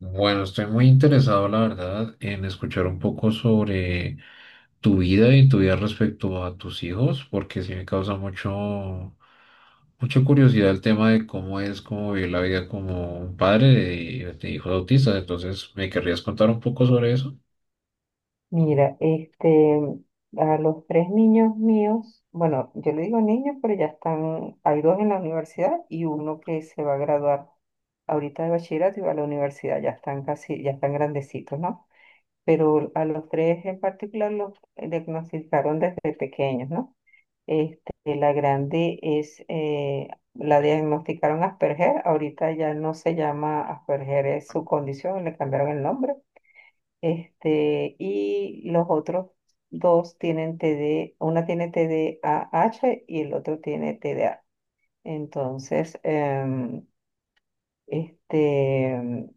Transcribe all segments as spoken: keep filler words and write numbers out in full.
Bueno, estoy muy interesado, la verdad, en escuchar un poco sobre tu vida y tu vida respecto a tus hijos, porque sí me causa mucho, mucha curiosidad el tema de cómo es, cómo vivir la vida como un padre de, de hijos autistas. Entonces, ¿me querrías contar un poco sobre eso? Mira, este, a los tres niños míos, bueno, yo le digo niños, pero ya están, hay dos en la universidad y uno que se va a graduar ahorita de bachillerato y va a la universidad, ya están casi, ya están grandecitos, ¿no? Pero a los tres en particular los diagnosticaron desde pequeños, ¿no? Este, la grande es, eh, la diagnosticaron Asperger, ahorita ya no se llama Asperger, es su condición, le cambiaron el nombre este, y los otros dos tienen T D, una tiene T D A H y el otro tiene T D A. Entonces, em, este, em,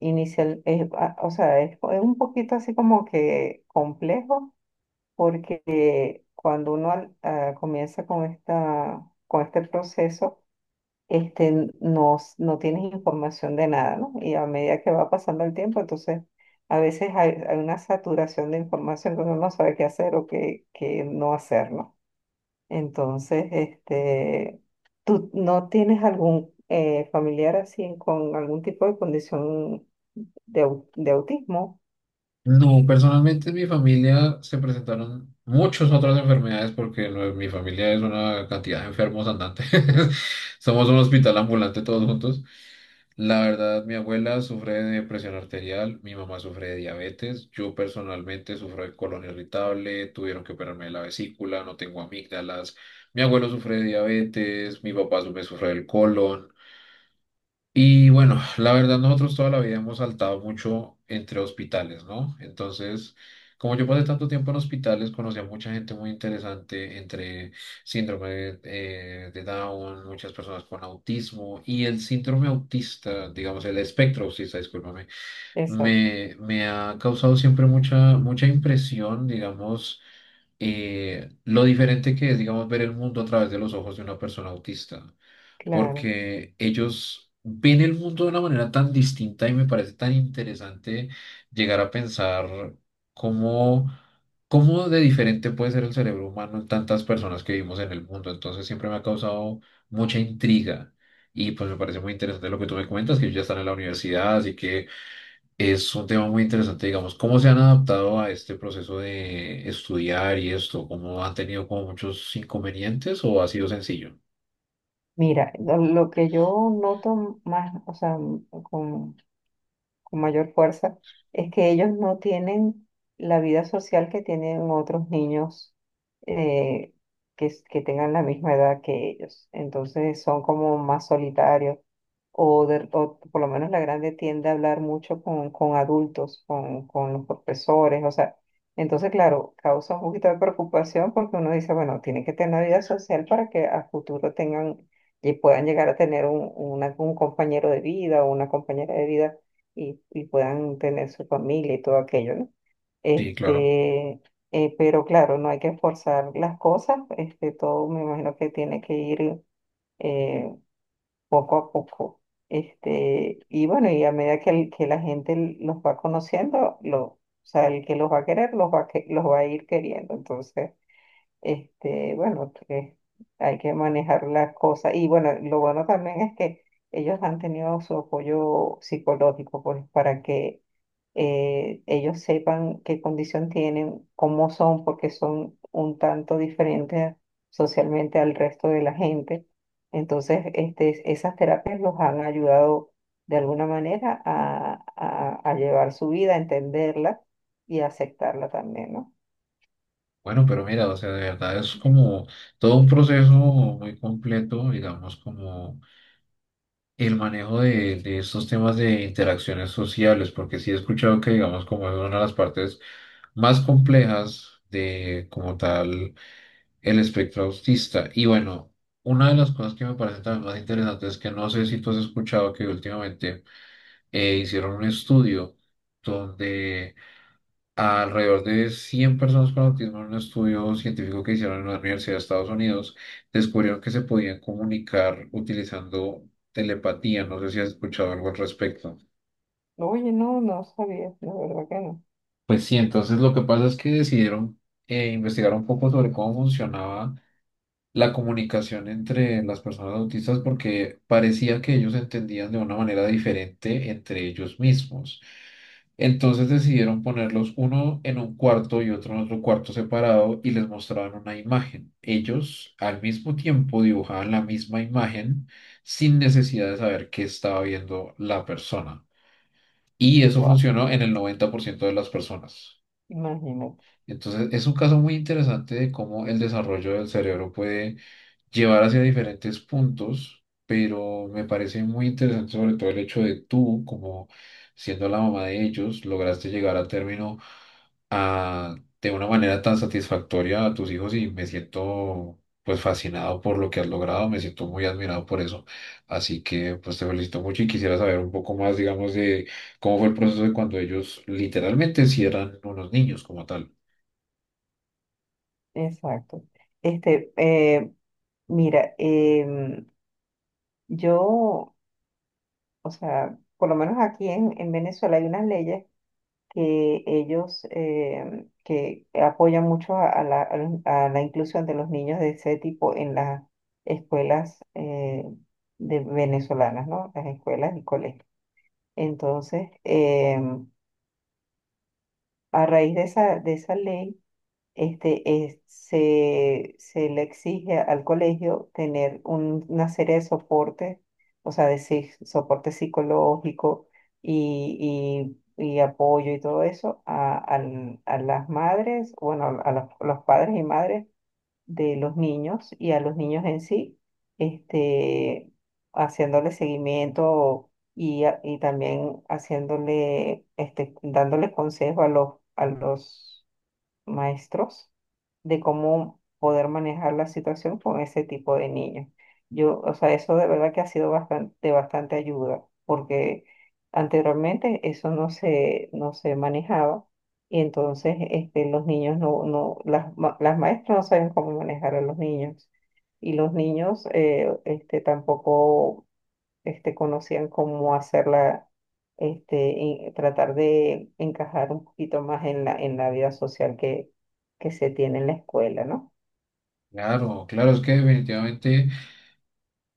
inicial, es, ah, o sea, es, es un poquito así como que complejo, porque cuando uno al- ah, comienza con esta, con este proceso, este, no, s- no tienes información de nada, ¿no? Y a medida que va pasando el tiempo, entonces a veces hay, hay una saturación de información que uno no sabe qué hacer o qué, qué no hacer, ¿no? Entonces, este, ¿tú no tienes algún eh, familiar así con algún tipo de condición de, au- de autismo? No, personalmente en mi familia se presentaron muchas otras enfermedades porque lo- mi familia es una cantidad de enfermos andantes. Somos un hospital ambulante todos juntos. La verdad, mi abuela sufre de presión arterial, mi mamá sufre de diabetes, yo personalmente sufro de colon irritable, tuvieron que operarme de la vesícula, no tengo amígdalas, mi abuelo sufre de diabetes, mi papá su- me sufre del colon. Y bueno, la verdad nosotros toda la vida hemos saltado mucho entre hospitales, ¿no? Entonces, como yo pasé tanto tiempo en hospitales, conocí a mucha gente muy interesante entre síndrome eh, de Down, muchas personas con autismo y el síndrome autista, digamos, el espectro autista, discúlpame, Exacto, me, me ha causado siempre mucha, mucha impresión, digamos, eh, lo diferente que es, digamos, ver el mundo a través de los ojos de una persona autista claro. porque ellos ven el mundo de una manera tan distinta y me parece tan interesante llegar a pensar cómo, cómo de diferente puede ser el cerebro humano en tantas personas que vivimos en el mundo. Entonces siempre me ha causado mucha intriga y pues me parece muy interesante lo que tú me comentas, que ellos ya están en la universidad, así que es un tema muy interesante, digamos, cómo se han adaptado a este proceso de estudiar y esto, cómo han tenido como muchos inconvenientes o ha sido sencillo. Mira, lo lo que yo noto más, o sea, con con mayor fuerza, es que ellos no tienen la vida social que tienen otros niños eh, que, s- que tengan la misma edad que ellos. Entonces son como más solitarios, o, de- o por lo menos la grande tiende a hablar mucho con, con adultos, con, con los profesores, o sea, entonces, claro, causa un poquito de preocupación porque uno dice, bueno, tienen que tener una vida social para que a futuro tengan y puedan llegar a tener un, una- un compañero de vida o una compañera de vida y, y puedan tener su familia y todo aquello, ¿no? Sí, claro. Este, eh, pero claro, no hay que forzar las cosas, este, todo me imagino que tiene que ir, eh, poco a poco. Este, y bueno, y a medida que, el- que la gente los va conociendo, lo, o sea, el que los va a querer, los va, a que- los va a ir queriendo. Entonces, este, bueno, que hay que manejar las cosas. Y bueno, lo bueno también es que ellos han tenido su apoyo psicológico, pues, para que eh, ellos sepan qué condición tienen, cómo son, porque son un tanto diferentes socialmente al resto de la gente. Entonces, este, esas terapias los han ayudado de alguna manera a, a, a llevar su vida, a entenderla y a aceptarla también, ¿no? Bueno, pero mira, o sea, de verdad es como todo un proceso muy completo, digamos, como el manejo de, de estos temas de interacciones sociales, porque sí he escuchado que, digamos, como es una de las partes más complejas de, como tal, el espectro autista. Y bueno, una de las cosas que me parece también más interesante es que no sé si tú has escuchado que últimamente eh, hicieron un estudio donde alrededor de cien personas con autismo en un estudio científico que hicieron en una universidad de Estados Unidos descubrieron que se podían comunicar utilizando telepatía. No sé si has escuchado algo al respecto. Oye, no, no sabía, la verdad que no. Pues sí, entonces lo que pasa es que decidieron eh, investigar un poco sobre cómo funcionaba la comunicación entre las personas autistas porque parecía que ellos entendían de una manera diferente entre ellos mismos. Entonces decidieron ponerlos uno en un cuarto y otro en otro cuarto separado y les mostraban una imagen. Ellos al mismo tiempo dibujaban la misma imagen sin necesidad de saber qué estaba viendo la persona. Y eso Guau, funcionó en el noventa por ciento de las personas. imagínate, Entonces es un caso muy interesante de cómo el desarrollo del cerebro puede llevar hacia diferentes puntos, pero me parece muy interesante sobre todo el hecho de tú, como siendo la mamá de ellos, lograste llegar a término a- de una manera tan satisfactoria a tus hijos y me siento pues fascinado por lo que has logrado, me siento muy admirado por eso. Así que pues te felicito mucho y quisiera saber un poco más, digamos, de cómo fue el proceso de cuando ellos literalmente sí eran unos niños como tal. exacto. Este, eh, mira, em, yo, o sea, por lo menos aquí en, en Venezuela hay unas leyes que ellos em, que apoyan mucho a, a la, a los- a la inclusión de los niños de ese tipo en las escuelas eh, de venezolanas, ¿no? Las escuelas y colegios. Entonces, em, a raíz de esa, de esa ley, este, es- se, se le exige al colegio tener un- una serie de soportes, o sea, de sí- soporte psicológico y, y- y apoyo y todo eso a, al- a las madres, bueno, a los, los padres y madres de los niños y a los niños en sí, este, haciéndole seguimiento. Y, a- y también haciéndole, este, dándole consejo a los, a los maestros de cómo poder manejar la situación con ese tipo de niños. Yo, o sea, eso de verdad que ha sido bastante, de bastante ayuda, porque anteriormente eso no se, no se manejaba y entonces este, los niños no, no, las, ma- las maestras no saben cómo manejar a los niños y los niños eh, este, tampoco este, conocían cómo hacerla, este, y tratar de encajar un poquito más en la, en la vida social que, que se tiene en la escuela, ¿no? Claro, claro, es que definitivamente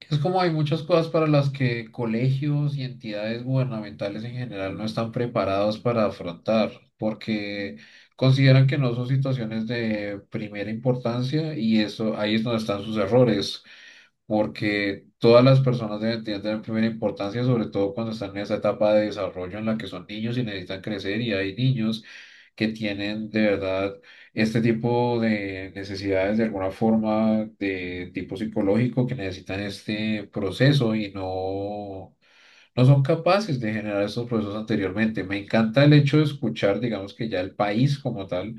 es como hay muchas cosas para las que colegios y entidades gubernamentales en general no están preparados para afrontar, porque consideran que no son situaciones de primera importancia y eso ahí es donde están sus errores porque todas las personas deben, deben tener primera importancia, sobre todo cuando están en esa etapa de desarrollo en la que son niños y necesitan crecer y hay niños que tienen de verdad este tipo de necesidades de alguna forma de tipo psicológico que necesitan este proceso y no, no son capaces de generar estos procesos anteriormente. Me encanta el hecho de escuchar, digamos que ya el país como tal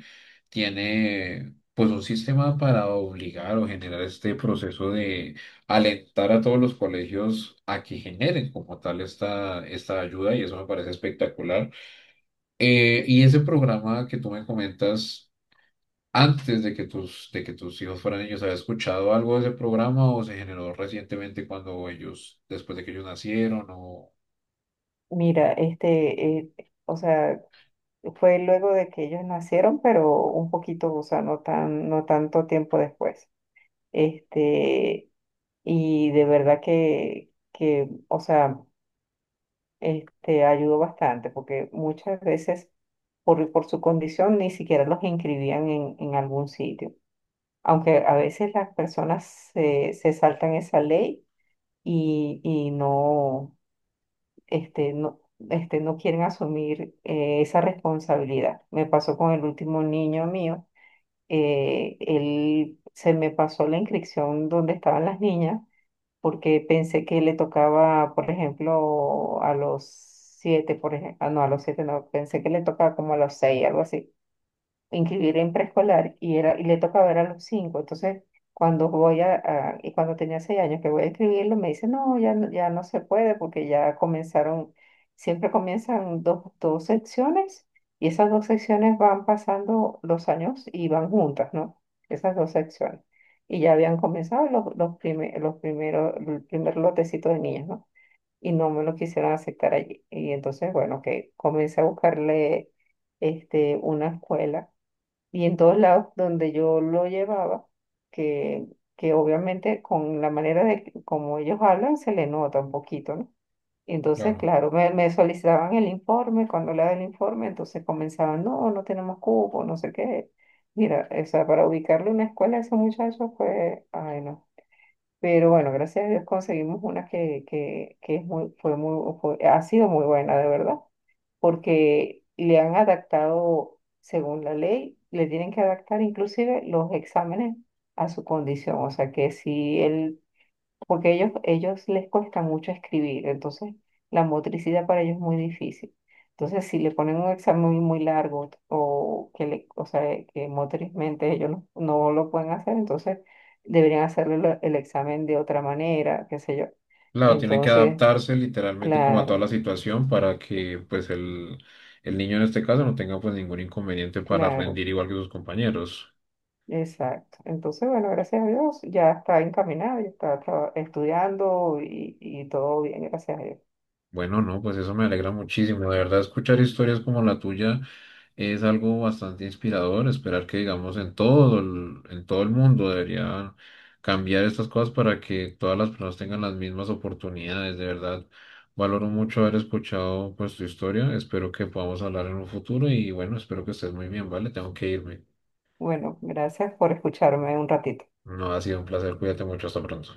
tiene pues un sistema para obligar o generar este proceso de alentar a todos los colegios a que generen como tal esta, esta ayuda y eso me parece espectacular. Eh, y ese programa que tú me comentas, antes de que tus, de que tus hijos fueran niños, ¿habías escuchado algo de ese programa o se generó recientemente cuando ellos, después de que ellos nacieron o...? Mira, este, eh, o sea, fue luego de que ellos nacieron, pero un poquito, o sea, no tan, no tanto tiempo después. Este, y de verdad que, que, o sea, este, ayudó bastante, porque muchas veces por, por su condición ni siquiera los inscribían en, en algún sitio. Aunque a veces las personas se, se saltan esa ley y, y no, este, no, este, no quieren asumir eh, esa responsabilidad. Me pasó con el último niño mío, eh, él se me pasó la inscripción donde estaban las niñas porque pensé que le tocaba, por ejemplo, a los siete, por ejemplo, no, a los siete no, pensé que le tocaba como a los seis, algo así inscribir en preescolar y, era, y le tocaba ver a los cinco. Entonces, cuando voy a, a- y cuando tenía seis años que voy a escribirlo, me dice, no, ya, no- ya no se puede porque ya comenzaron, siempre comienzan dos, dos secciones y esas dos secciones van pasando los años y van juntas, ¿no? Esas dos secciones. Y ya habían comenzado los, los, prime- los primeros, el primer lotecito de niños, ¿no? Y no me lo quisieron aceptar allí. Y entonces, bueno, que comencé a buscarle este, una escuela y en todos lados donde yo lo llevaba, que, que obviamente con la manera de que- como ellos hablan se le nota un poquito, ¿no? Y entonces, Claro. claro, me, me solicitaban el informe, cuando le daban el informe, entonces comenzaban, no, no tenemos cupo, no sé qué. Mira, o sea, para ubicarle una escuela a ese muchacho fue, ay, no. Pero bueno, gracias a Dios conseguimos una que, que, que es muy, fue muy, fue- ha sido muy buena, de verdad porque le han adaptado, según la ley, le tienen que adaptar inclusive los exámenes a su condición. O sea que si él, porque ellos, ellos les cuesta mucho escribir, entonces la motricidad para ellos es muy difícil. Entonces, si le ponen un examen muy largo o que le, o sea, que motrizmente ellos no, no lo pueden hacer, entonces deberían hacerle lo- el examen de otra manera, qué sé yo. Claro, tienen que Entonces, adaptarse literalmente como a toda claro, la situación para que pues el, el niño en este caso no tenga pues ningún inconveniente para claro. rendir igual que sus compañeros. Exacto. Entonces, bueno, gracias a Dios, ya está encaminado, ya está traba- estudiando y, y todo bien, gracias a Dios. Bueno, no, pues eso me alegra muchísimo. De verdad, escuchar historias como la tuya es algo bastante inspirador esperar que, digamos, en todo el, en todo el mundo deberían cambiar estas cosas para que todas las personas tengan las mismas oportunidades. De verdad, valoro mucho haber escuchado pues tu historia. Espero que podamos hablar en un futuro y bueno, espero que estés muy bien, ¿vale? Tengo que irme. Bueno, gracias por escucharme un ratito. No ha sido un placer. Cuídate mucho. Hasta pronto.